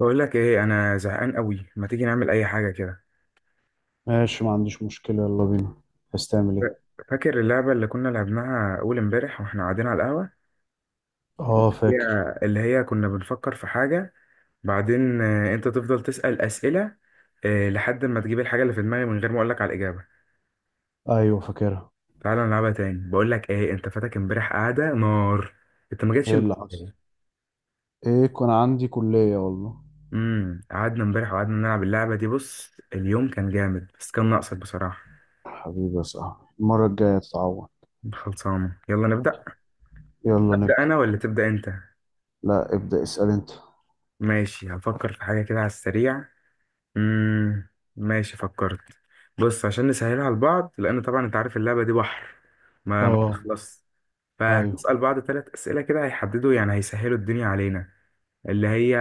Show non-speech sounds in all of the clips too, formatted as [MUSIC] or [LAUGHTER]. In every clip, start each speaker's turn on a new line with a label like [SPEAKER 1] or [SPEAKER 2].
[SPEAKER 1] بقول لك ايه، انا زهقان قوي، ما تيجي نعمل اي حاجه كده؟
[SPEAKER 2] ماشي، ما عنديش مشكلة، يلا بينا. عايز تعمل
[SPEAKER 1] ف-
[SPEAKER 2] ايه؟
[SPEAKER 1] فاكر اللعبه اللي كنا لعبناها اول امبارح واحنا قاعدين على القهوه.
[SPEAKER 2] اه،
[SPEAKER 1] هي
[SPEAKER 2] فاكر.
[SPEAKER 1] اللي هي كنا بنفكر في حاجه، بعدين انت تفضل تسال اسئله لحد ما تجيب الحاجه اللي في دماغي من غير ما اقول لك على الاجابه.
[SPEAKER 2] ايوه، فاكرها.
[SPEAKER 1] تعالى نلعبها تاني. بقول لك ايه، انت فاتك امبارح قعده نار. انت ما جيتش
[SPEAKER 2] ايه اللي حصل؟
[SPEAKER 1] امبارح.
[SPEAKER 2] ايه، كان عندي كلية والله.
[SPEAKER 1] قعدنا امبارح وقعدنا نلعب اللعبه دي. بص اليوم كان جامد بس كان ناقصك بصراحه.
[SPEAKER 2] حبيبي يا صاحبي، المرة الجاية تتعوض.
[SPEAKER 1] خلصانه، يلا نبدا.
[SPEAKER 2] يلا
[SPEAKER 1] ابدا
[SPEAKER 2] نبدأ.
[SPEAKER 1] انا ولا تبدا انت؟
[SPEAKER 2] لا، ابدأ اسأل انت.
[SPEAKER 1] ماشي هفكر في حاجة كده على السريع. مم. ماشي فكرت. بص عشان نسهلها على بعض، لأن طبعا أنت عارف اللعبة دي بحر، ما
[SPEAKER 2] اه.
[SPEAKER 1] بتخلص.
[SPEAKER 2] ايوه.
[SPEAKER 1] فهنسأل بعض ثلاث أسئلة كده هيحددوا، يعني هيسهلوا الدنيا علينا. اللي هي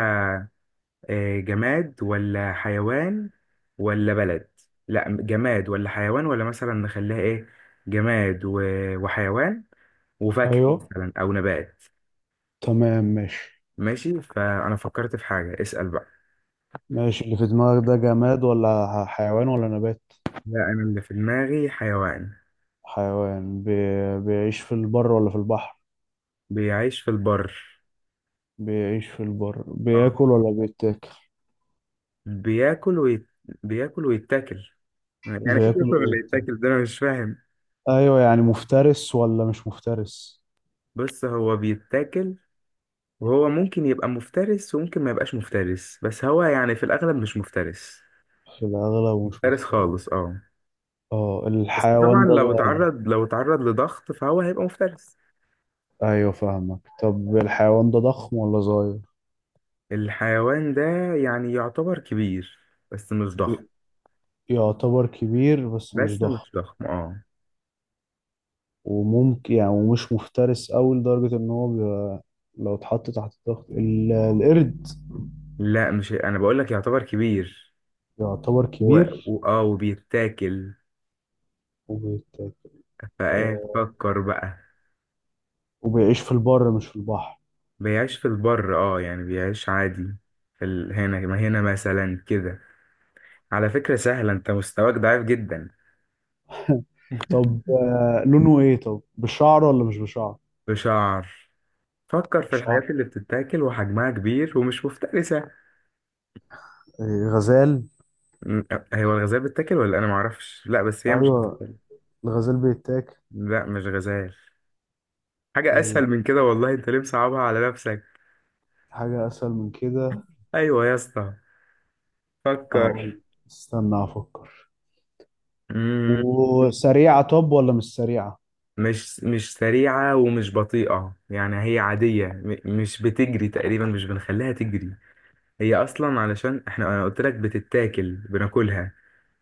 [SPEAKER 1] جماد ولا حيوان ولا بلد؟ لا، جماد ولا حيوان ولا مثلا نخليها إيه، جماد وحيوان وفاكهة
[SPEAKER 2] ايوه،
[SPEAKER 1] مثلا أو نبات.
[SPEAKER 2] تمام، ماشي.
[SPEAKER 1] ماشي، فأنا فكرت في حاجة، اسأل بقى.
[SPEAKER 2] ماشي، اللي في دماغك ده جماد ولا حيوان ولا نبات؟
[SPEAKER 1] لا أنا اللي في دماغي حيوان.
[SPEAKER 2] حيوان. بيعيش في البر ولا في البحر؟
[SPEAKER 1] بيعيش في البر.
[SPEAKER 2] بيعيش في البر.
[SPEAKER 1] آه.
[SPEAKER 2] بياكل ولا بيتاكل؟
[SPEAKER 1] بياكل ويت... بياكل ويتاكل. يعني ايه
[SPEAKER 2] بياكل
[SPEAKER 1] بياكل ولا
[SPEAKER 2] وبيتاكل.
[SPEAKER 1] يتاكل؟ ده انا مش فاهم.
[SPEAKER 2] ايوه، يعني مفترس ولا مش مفترس؟
[SPEAKER 1] بص هو بيتاكل، وهو ممكن يبقى مفترس وممكن ما يبقاش مفترس، بس هو يعني في الاغلب مش مفترس.
[SPEAKER 2] في الأغلب مش
[SPEAKER 1] مفترس
[SPEAKER 2] مفترس.
[SPEAKER 1] خالص، اه.
[SPEAKER 2] اه،
[SPEAKER 1] بس طبعا
[SPEAKER 2] الحيوان ده
[SPEAKER 1] لو
[SPEAKER 2] ضخم؟
[SPEAKER 1] اتعرض لو اتعرض لضغط فهو هيبقى مفترس.
[SPEAKER 2] أيوة، فاهمك. طب الحيوان ده ضخم ولا صغير؟
[SPEAKER 1] الحيوان ده يعني يعتبر كبير بس مش ضخم.
[SPEAKER 2] ي- يعتبر كبير بس مش
[SPEAKER 1] بس
[SPEAKER 2] ضخم.
[SPEAKER 1] مش ضخم، اه.
[SPEAKER 2] وممكن يعني، ومش مفترس أوي لدرجة إن هو بيبقى لو اتحط تحت ضغط القرد.
[SPEAKER 1] لا مش، انا بقول لك يعتبر كبير
[SPEAKER 2] يعتبر
[SPEAKER 1] و...
[SPEAKER 2] كبير
[SPEAKER 1] و... اه وبيتاكل.
[SPEAKER 2] وبيت...
[SPEAKER 1] فقاعد
[SPEAKER 2] آه،
[SPEAKER 1] فكر بقى.
[SPEAKER 2] وبيعيش في البر مش في البحر.
[SPEAKER 1] بيعيش في البر، اه يعني بيعيش عادي، هنا، ما هنا مثلا كده. على فكرة سهلة، انت مستواك ضعيف جدا.
[SPEAKER 2] [LAUGHS] طب،
[SPEAKER 1] [LAUGHS]
[SPEAKER 2] لونه إيه طب؟ بشعر ولا مش بشعر؟
[SPEAKER 1] بشعر. فكر في
[SPEAKER 2] بشعر.
[SPEAKER 1] الحاجات اللي بتتاكل وحجمها كبير ومش مفترسة.
[SPEAKER 2] غزال.
[SPEAKER 1] م- هو الغزال بتتاكل ولا انا معرفش؟ لا بس هي مش
[SPEAKER 2] أيوة.
[SPEAKER 1] غزال.
[SPEAKER 2] الغزال بيتاكل.
[SPEAKER 1] لا مش غزال. حاجة
[SPEAKER 2] آه،
[SPEAKER 1] اسهل من كده والله، انت ليه مصعبها على نفسك؟
[SPEAKER 2] حاجة أسهل من كده.
[SPEAKER 1] ايوه يا اسطى،
[SPEAKER 2] اقول.
[SPEAKER 1] فكر.
[SPEAKER 2] استنى افكر.
[SPEAKER 1] مم.
[SPEAKER 2] وسريعة طب ولا مش سريعة؟
[SPEAKER 1] مش سريعة ومش بطيئة، يعني هي عادية، مش بتجري تقريبا، مش بنخليها تجري. هي أصلا علشان أنا قلت لك بتتاكل بناكلها،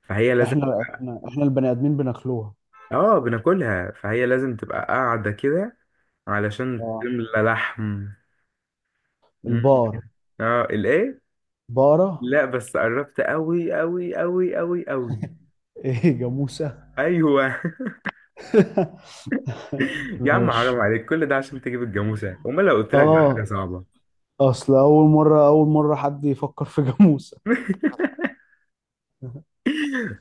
[SPEAKER 1] فهي لازم
[SPEAKER 2] احنا
[SPEAKER 1] تبقى.
[SPEAKER 2] احنا احنا البني ادمين بناكلوها.
[SPEAKER 1] اه بناكلها، فهي لازم تبقى قاعدة كده علشان
[SPEAKER 2] اه.
[SPEAKER 1] تملى لحم. مم.
[SPEAKER 2] البقرة.
[SPEAKER 1] اه الايه؟
[SPEAKER 2] بقرة.
[SPEAKER 1] لا بس قربت قوي قوي قوي قوي قوي.
[SPEAKER 2] ايه، جاموسة؟
[SPEAKER 1] ايوه.
[SPEAKER 2] [LAUGHS]
[SPEAKER 1] [LAUGHS] يا عم حرام
[SPEAKER 2] ماشي.
[SPEAKER 1] عليك، كل ده عشان تجيب الجاموسه؟ امال لو قلت لك بقى حاجه
[SPEAKER 2] اه،
[SPEAKER 1] صعبه.
[SPEAKER 2] اصل اول مرة اول مرة حد يفكر في جاموسة.
[SPEAKER 1] [LAUGHS]
[SPEAKER 2] [LAUGHS]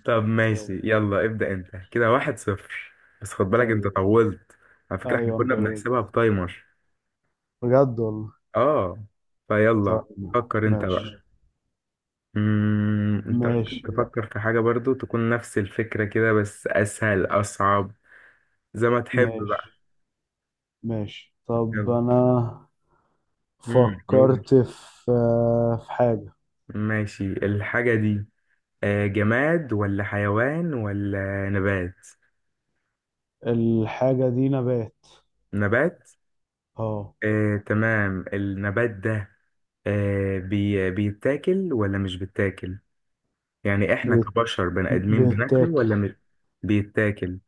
[SPEAKER 1] طب
[SPEAKER 2] طب.
[SPEAKER 1] ماشي، يلا ابدأ انت، كده 1-0. بس خد بالك انت
[SPEAKER 2] طيب،
[SPEAKER 1] طولت. على فكرة احنا
[SPEAKER 2] ايوه، انا
[SPEAKER 1] كنا
[SPEAKER 2] طول،
[SPEAKER 1] بنحسبها بتايمر.
[SPEAKER 2] بجد والله.
[SPEAKER 1] اه، فيلا.
[SPEAKER 2] طب،
[SPEAKER 1] فكر انت بقى.
[SPEAKER 2] ماشي،
[SPEAKER 1] انت ممكن
[SPEAKER 2] ماشي،
[SPEAKER 1] تفكر في حاجة برضو تكون نفس الفكرة كده، بس اسهل، اصعب، زي ما تحب بقى.
[SPEAKER 2] ماشي، ماشي. طب،
[SPEAKER 1] يلا.
[SPEAKER 2] انا
[SPEAKER 1] قول.
[SPEAKER 2] فكرت في حاجة.
[SPEAKER 1] ماشي الحاجة دي جماد ولا حيوان ولا نبات؟
[SPEAKER 2] الحاجة دي نبات.
[SPEAKER 1] نبات.
[SPEAKER 2] اه.
[SPEAKER 1] تمام. النبات ده آه بي بيتاكل ولا مش بيتاكل؟ يعني احنا
[SPEAKER 2] بيت-
[SPEAKER 1] كبشر بني ادمين بناكله
[SPEAKER 2] بيتاكل.
[SPEAKER 1] ولا مش. بيتاكل.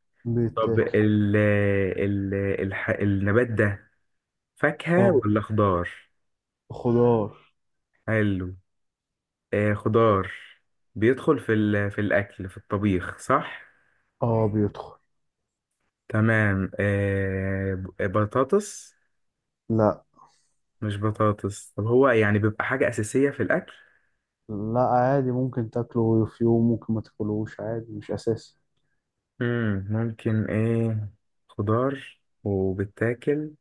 [SPEAKER 1] طب
[SPEAKER 2] بيتاكل.
[SPEAKER 1] ال ال الح النبات ده فاكهة
[SPEAKER 2] اه،
[SPEAKER 1] ولا خضار؟
[SPEAKER 2] خضار.
[SPEAKER 1] حلو. خضار. بيدخل في الاكل في الطبيخ، صح؟
[SPEAKER 2] اه، بيدخل.
[SPEAKER 1] تمام. بطاطس؟
[SPEAKER 2] لا.
[SPEAKER 1] مش بطاطس. طب هو يعني بيبقى حاجة أساسية في الأكل؟
[SPEAKER 2] لا، عادي، ممكن تاكله في يوم، ممكن ما تاكلوش عادي، مش اساسي.
[SPEAKER 1] ممكن إيه. خضار وبتاكل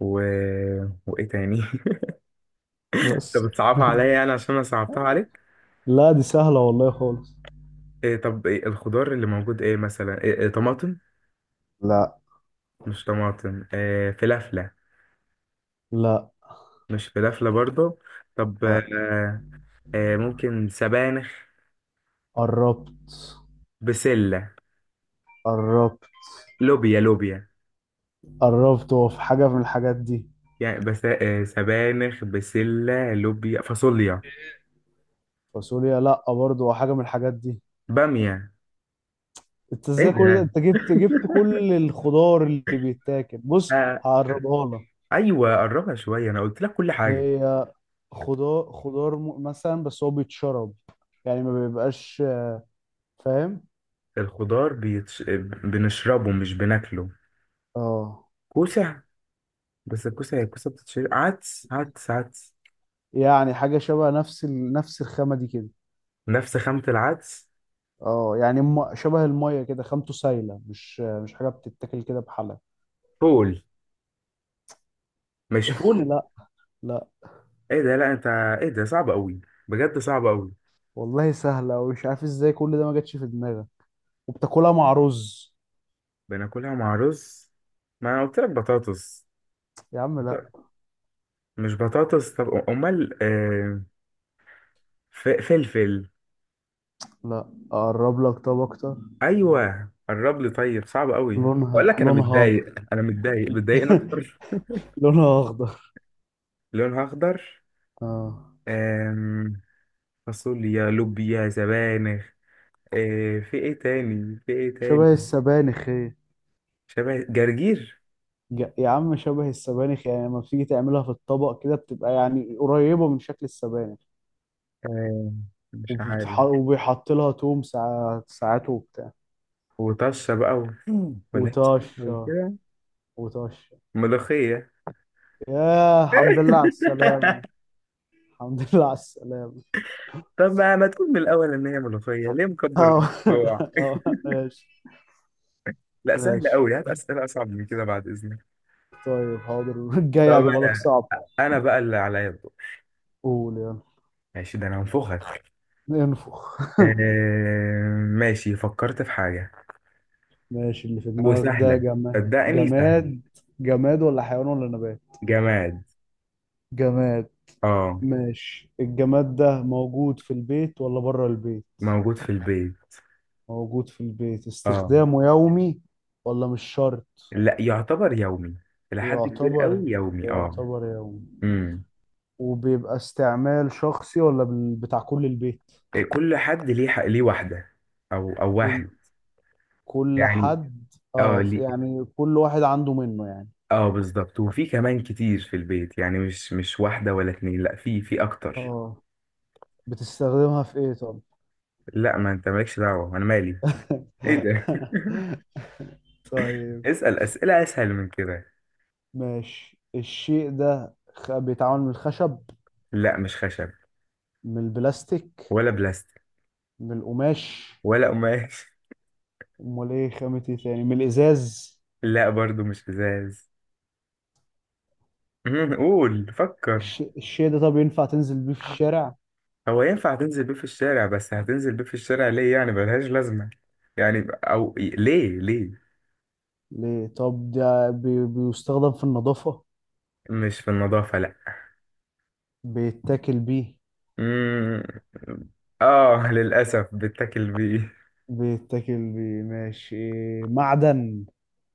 [SPEAKER 1] و... وايه تاني؟ [LAUGHS] طب
[SPEAKER 2] بس.
[SPEAKER 1] بتصعبها عليا يعني
[SPEAKER 2] [LAUGHS]
[SPEAKER 1] عشان انا صعبتها عليك.
[SPEAKER 2] لا، دي سهلة والله خالص.
[SPEAKER 1] إيه طب، إيه الخضار اللي موجود، ايه مثلا، إيه طماطم؟
[SPEAKER 2] لا،
[SPEAKER 1] مش طماطم. إيه فلافلة؟
[SPEAKER 2] لا.
[SPEAKER 1] مش فلافلة برضو. طب
[SPEAKER 2] لا،
[SPEAKER 1] ممكن سبانخ،
[SPEAKER 2] قربت،
[SPEAKER 1] بسلة،
[SPEAKER 2] قربت،
[SPEAKER 1] لوبيا لوبيا.
[SPEAKER 2] قربت. هو في حاجة من الحاجات دي؟
[SPEAKER 1] يعني بس سبانخ، بسلة، لوبيا، فاصوليا،
[SPEAKER 2] فاصوليا، لا، برضه هو حاجة من الحاجات دي.
[SPEAKER 1] بامية.
[SPEAKER 2] انت
[SPEAKER 1] ايه
[SPEAKER 2] ازاي كل ده؟
[SPEAKER 1] ده؟
[SPEAKER 2] انت جبت
[SPEAKER 1] [LAUGHS]
[SPEAKER 2] كل الخضار اللي بيتاكل. بص.
[SPEAKER 1] آه،
[SPEAKER 2] هقربها لك.
[SPEAKER 1] ايوه قربها شويه، انا قلت لك كل حاجه.
[SPEAKER 2] هي خضار، خضار مثلا، بس هو بيتشرب، يعني ما بيبقاش. فاهم؟
[SPEAKER 1] الخضار بيتش... بنشربه مش بناكله.
[SPEAKER 2] اه،
[SPEAKER 1] كوسه. بس الكوسة بتتشرب. عدس عدس عدس.
[SPEAKER 2] يعني حاجة شبه نفس نفس الخامة دي كده.
[SPEAKER 1] نفس خامة العدس.
[SPEAKER 2] اه، يعني شبه المية كده، خامته سايلة، مش حاجة بتتاكل كده بحالها.
[SPEAKER 1] فول. مش
[SPEAKER 2] [LAUGHS]
[SPEAKER 1] فول.
[SPEAKER 2] لا. لا
[SPEAKER 1] ايه ده؟ لا انت، ايه ده صعب قوي، بجد صعب قوي.
[SPEAKER 2] والله، سهلة ومش عارف ازاي كل ده ما جاتش في دماغك. وبتاكلها مع رز.
[SPEAKER 1] بناكلها مع رز. ما انا قلت لك بطاطس.
[SPEAKER 2] يا عم
[SPEAKER 1] بط-
[SPEAKER 2] لا.
[SPEAKER 1] مش بطاطس. طب امال فلفل؟
[SPEAKER 2] لا، اقرب لك طب اكتر.
[SPEAKER 1] ايوه قرب لي، طيب صعب قوي بقول
[SPEAKER 2] لونها،
[SPEAKER 1] لك، انا
[SPEAKER 2] لونها.
[SPEAKER 1] متضايق انا متضايق متضايقني
[SPEAKER 2] [LAUGHS]
[SPEAKER 1] اكتر.
[SPEAKER 2] لونها اخضر.
[SPEAKER 1] لونها اخضر.
[SPEAKER 2] اه،
[SPEAKER 1] آم، فاصوليا، لوبيا، سبانخ. في ايه تاني، في ايه
[SPEAKER 2] شبه
[SPEAKER 1] تاني؟
[SPEAKER 2] السبانخ هي.
[SPEAKER 1] شبه جرجير.
[SPEAKER 2] يا عم، شبه السبانخ، يعني لما بتيجي تعملها في الطبق كده بتبقى يعني قريبة من شكل السبانخ.
[SPEAKER 1] آه مش عارف.
[SPEAKER 2] وبيحط لها توم ساعات ساعات وبتاع.
[SPEAKER 1] وطشة بقى ولهسة
[SPEAKER 2] وطشة.
[SPEAKER 1] وكده.
[SPEAKER 2] وطشة.
[SPEAKER 1] ملوخية.
[SPEAKER 2] يا الحمد لله على السلامة.
[SPEAKER 1] [LAUGHS]
[SPEAKER 2] الحمد [LAUGHS] لله على السلامة.
[SPEAKER 1] طب ما تقول من الأول إن هي ملوخية؟ ليه مكبر
[SPEAKER 2] اه.
[SPEAKER 1] الموضوع. [LAUGHS]
[SPEAKER 2] [LAUGHS] اه، ماشي.
[SPEAKER 1] لا سهل
[SPEAKER 2] ماشي،
[SPEAKER 1] أوي، هات أسئلة أصعب من كده بعد إذنك.
[SPEAKER 2] طيب، حاضر. [LAUGHS]
[SPEAKER 1] طب
[SPEAKER 2] الجاي هجيبها لك
[SPEAKER 1] أنا
[SPEAKER 2] صعب.
[SPEAKER 1] أنا بقى اللي عليا الدور.
[SPEAKER 2] قول يلا.
[SPEAKER 1] ماشي ده أنا هنفخك.
[SPEAKER 2] انفخ.
[SPEAKER 1] آه ماشي فكرت في حاجة،
[SPEAKER 2] [LAUGHS] ماشي، اللي في دماغك ده
[SPEAKER 1] وسهلة، صدقني سهلة.
[SPEAKER 2] جماد ولا حيوان ولا نبات؟
[SPEAKER 1] جماد.
[SPEAKER 2] جماد.
[SPEAKER 1] اه.
[SPEAKER 2] ماشي، الجماد ده موجود في البيت ولا بره البيت؟
[SPEAKER 1] موجود في البيت.
[SPEAKER 2] موجود في البيت.
[SPEAKER 1] اه.
[SPEAKER 2] استخدامه يومي ولا مش شرط؟
[SPEAKER 1] لا يعتبر يومي إلى حد كبير قوي،
[SPEAKER 2] يعتبر
[SPEAKER 1] يومي اه.
[SPEAKER 2] يعتبر يومي.
[SPEAKER 1] امم
[SPEAKER 2] وبيبقى استعمال شخصي ولا بتاع كل البيت؟
[SPEAKER 1] إيه، كل حد ليه، ليه واحدة أو
[SPEAKER 2] كل
[SPEAKER 1] واحد.
[SPEAKER 2] كل
[SPEAKER 1] يعني
[SPEAKER 2] حد،
[SPEAKER 1] اه
[SPEAKER 2] اه
[SPEAKER 1] ليه.
[SPEAKER 2] يعني كل واحد عنده منه يعني.
[SPEAKER 1] اه بالظبط، وفي كمان كتير في البيت، يعني مش واحدة ولا اتنين، لا في أكتر.
[SPEAKER 2] اه، بتستخدمها في ايه طب؟
[SPEAKER 1] لا ما أنت مالكش دعوة أنا مالي. إيه ده؟
[SPEAKER 2] [LAUGHS]
[SPEAKER 1] [LAUGHS]
[SPEAKER 2] طيب.
[SPEAKER 1] اسأل أسئلة أسهل من كده.
[SPEAKER 2] ماشي، الشيء ده بيتعمل من الخشب؟
[SPEAKER 1] لا مش خشب.
[SPEAKER 2] من البلاستيك؟
[SPEAKER 1] ولا بلاستيك.
[SPEAKER 2] من القماش؟
[SPEAKER 1] ولا قماش.
[SPEAKER 2] امال ايه؟ خامة ايه تاني؟ من الازاز؟
[SPEAKER 1] لا برضو مش إزاز. [LAUGHS] قول فكر.
[SPEAKER 2] الشيء ده طب ينفع تنزل بيه في الشارع؟
[SPEAKER 1] هو ينفع تنزل بيه في الشارع، بس هتنزل بيه في الشارع ليه؟ يعني ملهاش لازمة، يعني أو ليه ليه.
[SPEAKER 2] ليه؟ طب ده بيستخدم في النظافة؟
[SPEAKER 1] مش في النظافة، لأ.
[SPEAKER 2] بيتاكل بيه؟
[SPEAKER 1] مم. للأسف بتاكل بيه.
[SPEAKER 2] بيتاكل بيه، ماشي. معدن.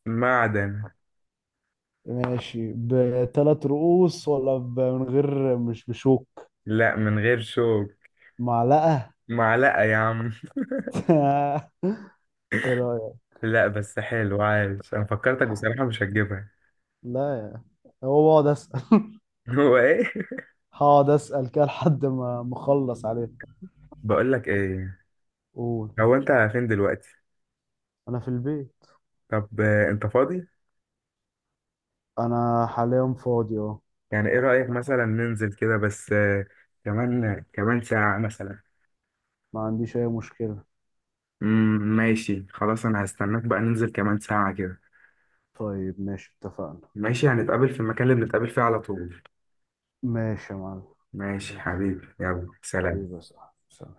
[SPEAKER 1] معدن.
[SPEAKER 2] ماشي، بثلاث رؤوس ولا من غير، مش بشوك؟
[SPEAKER 1] لأ من غير شوك.
[SPEAKER 2] معلقة.
[SPEAKER 1] معلقة يا عم.
[SPEAKER 2] [LAUGHS] ايه رأيك؟
[SPEAKER 1] لأ بس حلو عايش، أنا فكرتك
[SPEAKER 2] ح-
[SPEAKER 1] بصراحة مش هتجيبها.
[SPEAKER 2] لا يا. هو بقعد اسأل. [LAUGHS]
[SPEAKER 1] [LAUGHS] هو إيه؟
[SPEAKER 2] هقعد اسأل كده لحد ما مخلص عليه.
[SPEAKER 1] بقولك إيه،
[SPEAKER 2] قول.
[SPEAKER 1] هو أنت فين دلوقتي؟
[SPEAKER 2] انا في البيت.
[SPEAKER 1] طب أنت فاضي؟
[SPEAKER 2] انا حاليا فاضي، اه.
[SPEAKER 1] يعني إيه رأيك مثلا ننزل كده بس كمان ساعة مثلا.
[SPEAKER 2] ما عنديش أي مشكلة.
[SPEAKER 1] ماشي خلاص، انا هستناك بقى ننزل كمان ساعة كده.
[SPEAKER 2] طيب، ماشي، اتفقنا.
[SPEAKER 1] ماشي هنتقابل في المكان اللي بنتقابل فيه على طول.
[SPEAKER 2] ماشي يا معلم.
[SPEAKER 1] ماشي
[SPEAKER 2] ماشي،
[SPEAKER 1] حبيبي، يلا سلام.
[SPEAKER 2] حبيبي يا صاحبي، سلام.